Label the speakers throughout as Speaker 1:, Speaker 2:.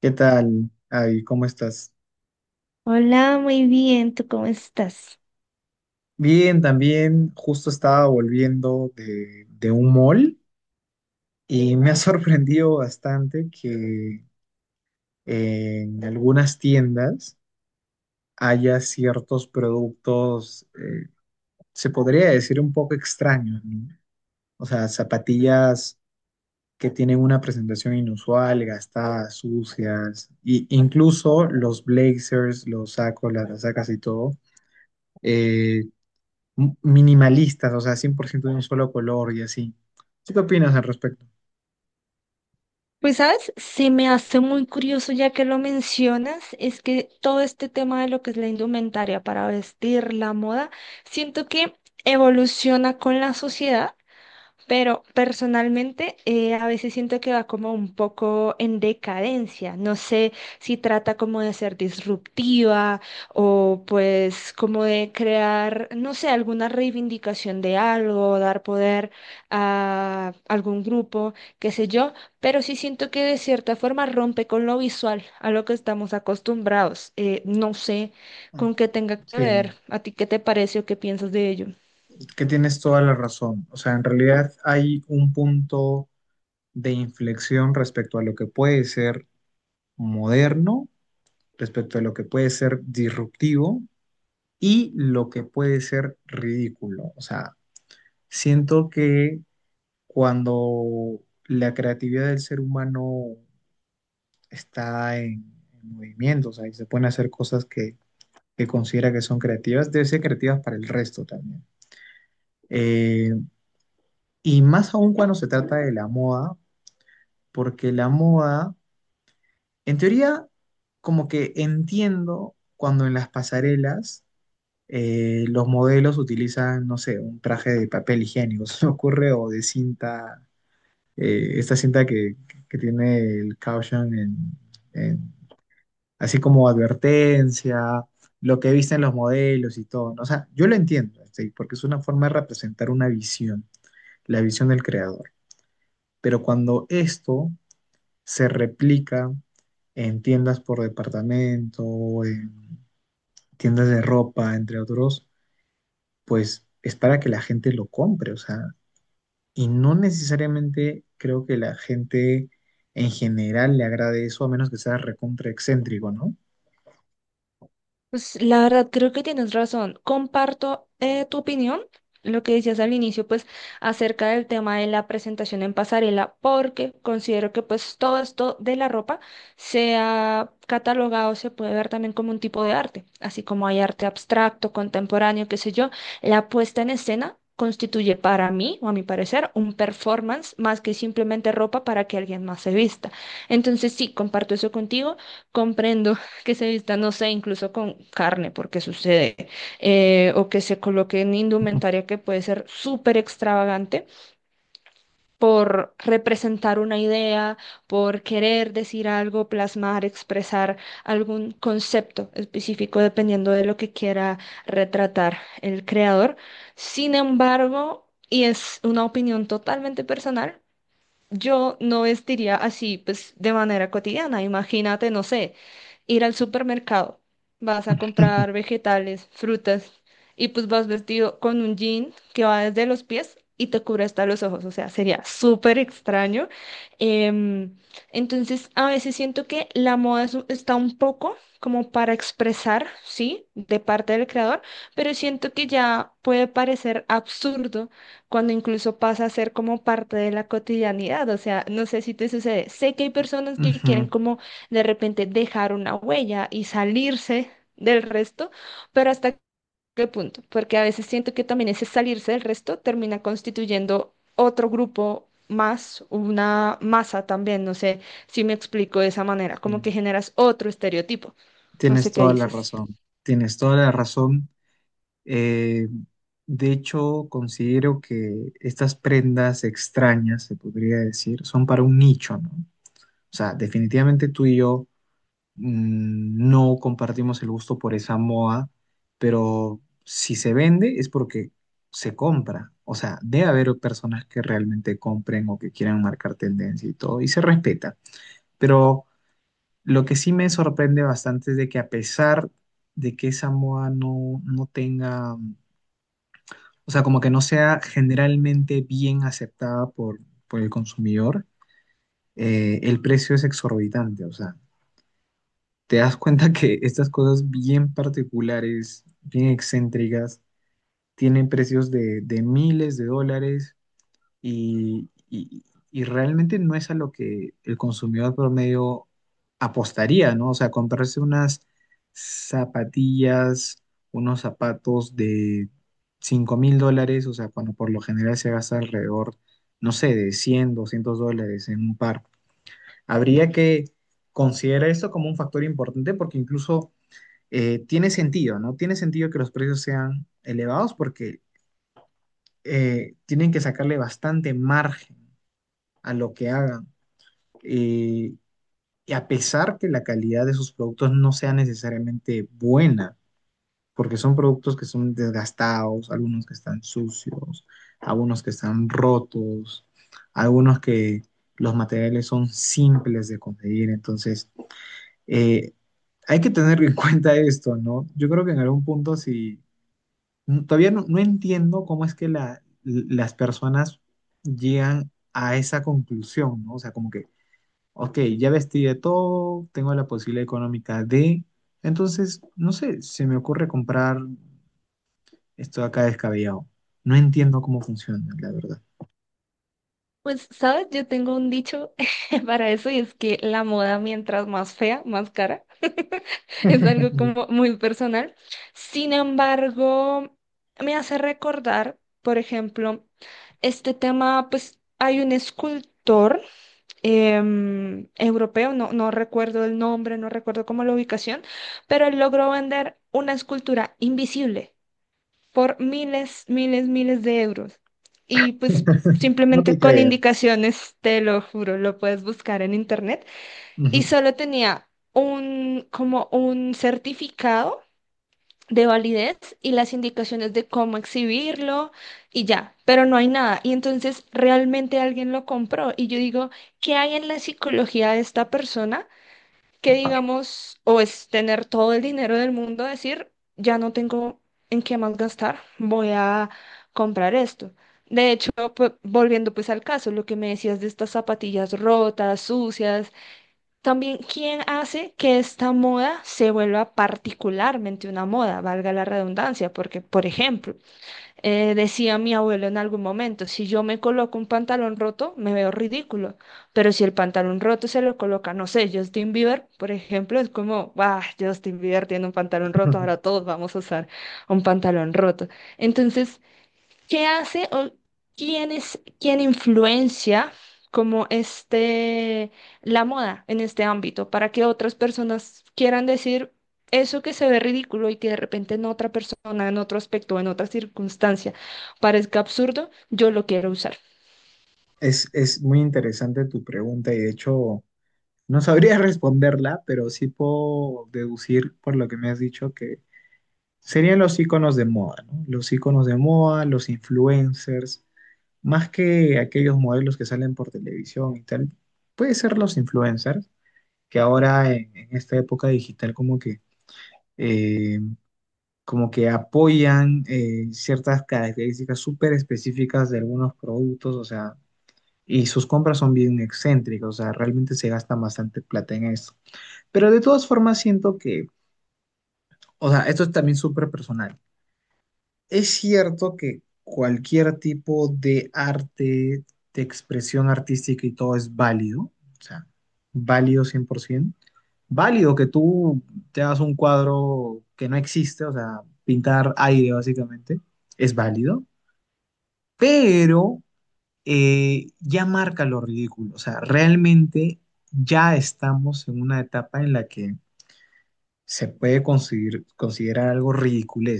Speaker 1: ¿Qué tal? Ay, ¿cómo estás?
Speaker 2: Hola, muy bien, ¿tú cómo estás?
Speaker 1: Bien, también justo estaba volviendo de un mall y me ha sorprendido bastante que en algunas tiendas haya ciertos productos, se podría decir un poco extraños, ¿no? O sea, zapatillas que tienen una presentación inusual, gastadas, sucias, y incluso los blazers, los sacos, las sacas y todo eh, minimalistas, o sea, 100% de un solo color y así. ¿Tú qué opinas al respecto?
Speaker 2: Pues sabes, se me hace muy curioso ya que lo mencionas. Es que todo este tema de lo que es la indumentaria para vestir, la moda, siento que evoluciona con la sociedad. Pero personalmente, a veces siento que va como un poco en decadencia. No sé si trata como de ser disruptiva, o pues como de crear, no sé, alguna reivindicación de algo, dar poder a algún grupo, qué sé yo. Pero sí siento que de cierta forma rompe con lo visual, a lo que estamos acostumbrados. No sé con qué tenga que
Speaker 1: Sí,
Speaker 2: ver. ¿A ti qué te parece o qué piensas de ello?
Speaker 1: que tienes toda la razón. O sea, en realidad hay un punto de inflexión respecto a lo que puede ser moderno, respecto a lo que puede ser disruptivo y lo que puede ser ridículo. O sea, siento que cuando la creatividad del ser humano está en movimiento, o sea, y se pone a hacer cosas que considera que son creativas, deben ser creativas para el resto también. Eh, y más aún cuando se trata de la moda, porque la moda, en teoría, como que entiendo cuando en las pasarelas los modelos utilizan, no sé, un traje de papel higiénico, se me ocurre, o de cinta, esta cinta que tiene el caution en así como advertencia, lo que visten los modelos y todo, ¿no? O sea, yo lo entiendo, ¿sí? Porque es una forma de representar una visión, la visión del creador. Pero cuando esto se replica en tiendas por departamento, en tiendas de ropa, entre otros, pues es para que la gente lo compre, o sea, y no necesariamente creo que la gente en general le agrade eso, a menos que sea recontra excéntrico, ¿no?
Speaker 2: Pues la verdad, creo que tienes razón. Comparto, tu opinión, lo que decías al inicio, pues acerca del tema de la presentación en pasarela, porque considero que pues todo esto de la ropa se ha catalogado, se puede ver también como un tipo de arte, así como hay arte abstracto, contemporáneo, qué sé yo. La puesta en escena constituye, para mí, o a mi parecer, un performance más que simplemente ropa para que alguien más se vista. Entonces, sí, comparto eso contigo, comprendo que se vistan, no sé, incluso con carne, porque sucede. Eh, o que se coloquen indumentaria que puede ser súper extravagante por representar una idea, por querer decir algo, plasmar, expresar algún concepto específico dependiendo de lo que quiera retratar el creador. Sin embargo, y es una opinión totalmente personal, yo no vestiría así, pues, de manera cotidiana. Imagínate, no sé, ir al supermercado, vas a comprar vegetales, frutas, y pues vas vestido con un jean que va desde los pies y te cubre hasta los ojos. O sea, sería súper extraño. Em, entonces, a veces siento que la moda es está un poco como para expresar, ¿sí? De parte del creador, pero siento que ya puede parecer absurdo cuando incluso pasa a ser como parte de la cotidianidad. O sea, no sé si te sucede. Sé que hay personas que quieren
Speaker 1: Ujú,
Speaker 2: como de repente dejar una huella y salirse del resto, pero ¿hasta qué punto? Porque a veces siento que también ese salirse del resto termina constituyendo otro grupo más, una masa también, no sé si me explico de esa manera, como que
Speaker 1: sí.
Speaker 2: generas otro estereotipo. No
Speaker 1: Tienes
Speaker 2: sé qué
Speaker 1: toda la
Speaker 2: dices.
Speaker 1: razón, tienes toda la razón. Eh, de hecho, considero que estas prendas extrañas, se podría decir, son para un nicho, ¿no? O sea, definitivamente tú y yo no compartimos el gusto por esa moda, pero si se vende es porque se compra. O sea, debe haber personas que realmente compren o que quieran marcar tendencia y todo, y se respeta. Pero... Lo que sí me sorprende bastante es de que a pesar de que Samoa no tenga, o sea, como que no sea generalmente bien aceptada por el consumidor, El precio es exorbitante. O sea, te das cuenta que estas cosas bien particulares, bien excéntricas, tienen precios de miles de dólares y, y- y realmente no es a lo que el consumidor promedio apostaría, ¿no? O sea, comprarse unas zapatillas, unos zapatos de 5000 dólares, o sea, cuando por lo general se gasta alrededor, no sé, de 100, 200 dólares en un par. Habría que considerar esto como un factor importante porque incluso tiene sentido, ¿no? Tiene sentido que los precios sean elevados porque tienen que sacarle bastante margen a lo que hagan. Eh, y a pesar que la calidad de sus productos no sea necesariamente buena, porque son productos que son desgastados, algunos que están sucios, algunos que están rotos, algunos que los materiales son simples de conseguir. Entonces, eh, hay que tener en cuenta esto, ¿no? Yo creo que en algún punto sí, todavía no entiendo cómo es que las personas llegan a esa conclusión, ¿no? O sea, como que Ok, ya vestí de todo, tengo la posibilidad económica de... Entonces, no sé, se me ocurre comprar esto de acá descabellado. No entiendo cómo funciona, la verdad.
Speaker 2: Pues, ¿sabes? Yo tengo un dicho para eso, y es que la moda mientras más fea, más cara. Es algo como muy personal. Sin embargo, me hace recordar, por ejemplo, este tema. Pues hay un escultor, europeo, no, no recuerdo el nombre, no recuerdo cómo la ubicación, pero él logró vender una escultura invisible por miles, miles, miles de euros. Y pues
Speaker 1: No te
Speaker 2: simplemente con
Speaker 1: creo.
Speaker 2: indicaciones, te lo juro, lo puedes buscar en internet. Y
Speaker 1: Ujú.
Speaker 2: solo tenía un, como un certificado de validez y las indicaciones de cómo exhibirlo, y ya, pero no hay nada. Y entonces realmente alguien lo compró, y yo digo, ¿qué hay en la psicología de esta persona, que digamos, o es tener todo el dinero del mundo, decir, ya no tengo en qué más gastar, voy a comprar esto? De hecho, volviendo pues al caso, lo que me decías de estas zapatillas rotas, sucias, también, ¿quién hace que esta moda se vuelva particularmente una moda, valga la redundancia? Porque, por ejemplo, decía mi abuelo en algún momento, si yo me coloco un pantalón roto, me veo ridículo, pero si el pantalón roto se lo coloca, no sé, Justin Bieber, por ejemplo, es como, bah, Justin Bieber tiene un pantalón roto, ahora todos vamos a usar un pantalón roto. Entonces, ¿qué hace o quién es quién influencia como este la moda en este ámbito para que otras personas quieran decir eso que se ve ridículo y que de repente en otra persona, en otro aspecto, en otra circunstancia parezca absurdo, yo lo quiero usar?
Speaker 1: Es muy interesante tu pregunta y de hecho no sabría responderla, pero sí puedo deducir por lo que me has dicho que serían los iconos de moda, ¿no? Los iconos de moda, los influencers, más que aquellos modelos que salen por televisión y tal, puede ser los influencers, que ahora en esta época digital eh, como que apoyan ciertas características súper específicas de algunos productos, o sea, y sus compras son bien excéntricas, o sea, realmente se gasta bastante plata en eso. Pero de todas formas siento que, o sea, esto es también súper personal. Es cierto que cualquier tipo de arte, de expresión artística y todo es válido, o sea, válido 100%. Válido que tú te hagas un cuadro que no existe, o sea, pintar aire básicamente, es válido, pero ya marca lo ridículo, o sea, realmente ya estamos en una etapa en la que se puede considerar algo ridículo,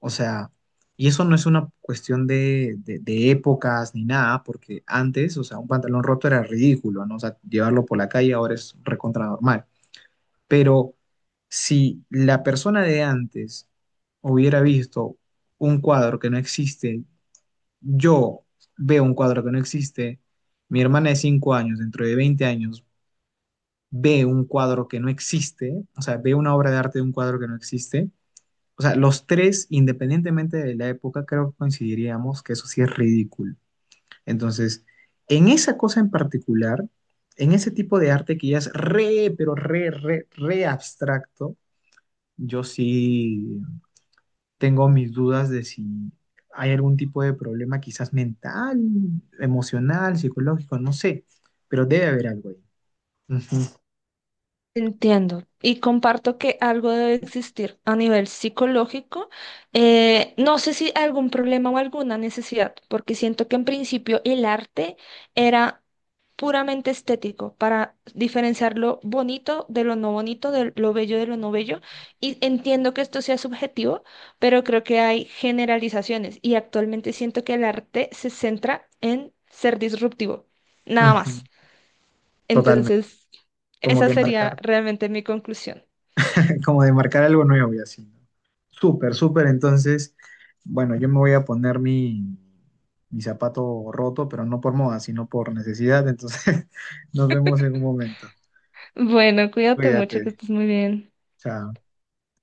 Speaker 1: o sea, y eso no es una cuestión de épocas ni nada, porque antes, o sea, un pantalón roto era ridículo, ¿no? O sea, llevarlo por la calle ahora es recontra normal. Pero si la persona de antes hubiera visto un cuadro que no existe, yo veo un cuadro que no existe, mi hermana de 5 años, dentro de 20 años, ve un cuadro que no existe, o sea, ve una obra de arte de un cuadro que no existe, o sea, los tres, independientemente de la época, creo que coincidiríamos que eso sí es ridículo. Entonces, en esa cosa en particular, en ese tipo de arte que ya es re, pero re, re, re abstracto, yo sí tengo mis dudas de si hay algún tipo de problema, quizás mental, emocional, psicológico, no sé, pero debe haber algo ahí. Ujú,
Speaker 2: Entiendo y comparto que algo debe existir a nivel psicológico. No sé si algún problema o alguna necesidad, porque siento que en principio el arte era puramente estético, para diferenciar lo bonito de lo no bonito, de lo bello de lo no bello. Y entiendo que esto sea subjetivo, pero creo que hay generalizaciones y actualmente siento que el arte se centra en ser disruptivo, nada
Speaker 1: ujú.
Speaker 2: más.
Speaker 1: Totalmente,
Speaker 2: Entonces,
Speaker 1: como
Speaker 2: esa
Speaker 1: que
Speaker 2: sería
Speaker 1: marcar,
Speaker 2: realmente mi conclusión.
Speaker 1: como de marcar algo nuevo y así. ¿No? Súper, súper. Entonces, bueno, yo me voy a poner mi zapato roto, pero no por moda, sino por necesidad. Entonces, nos vemos en un momento.
Speaker 2: Bueno, cuídate mucho, que
Speaker 1: Cuídate.
Speaker 2: estés muy bien.
Speaker 1: Chao.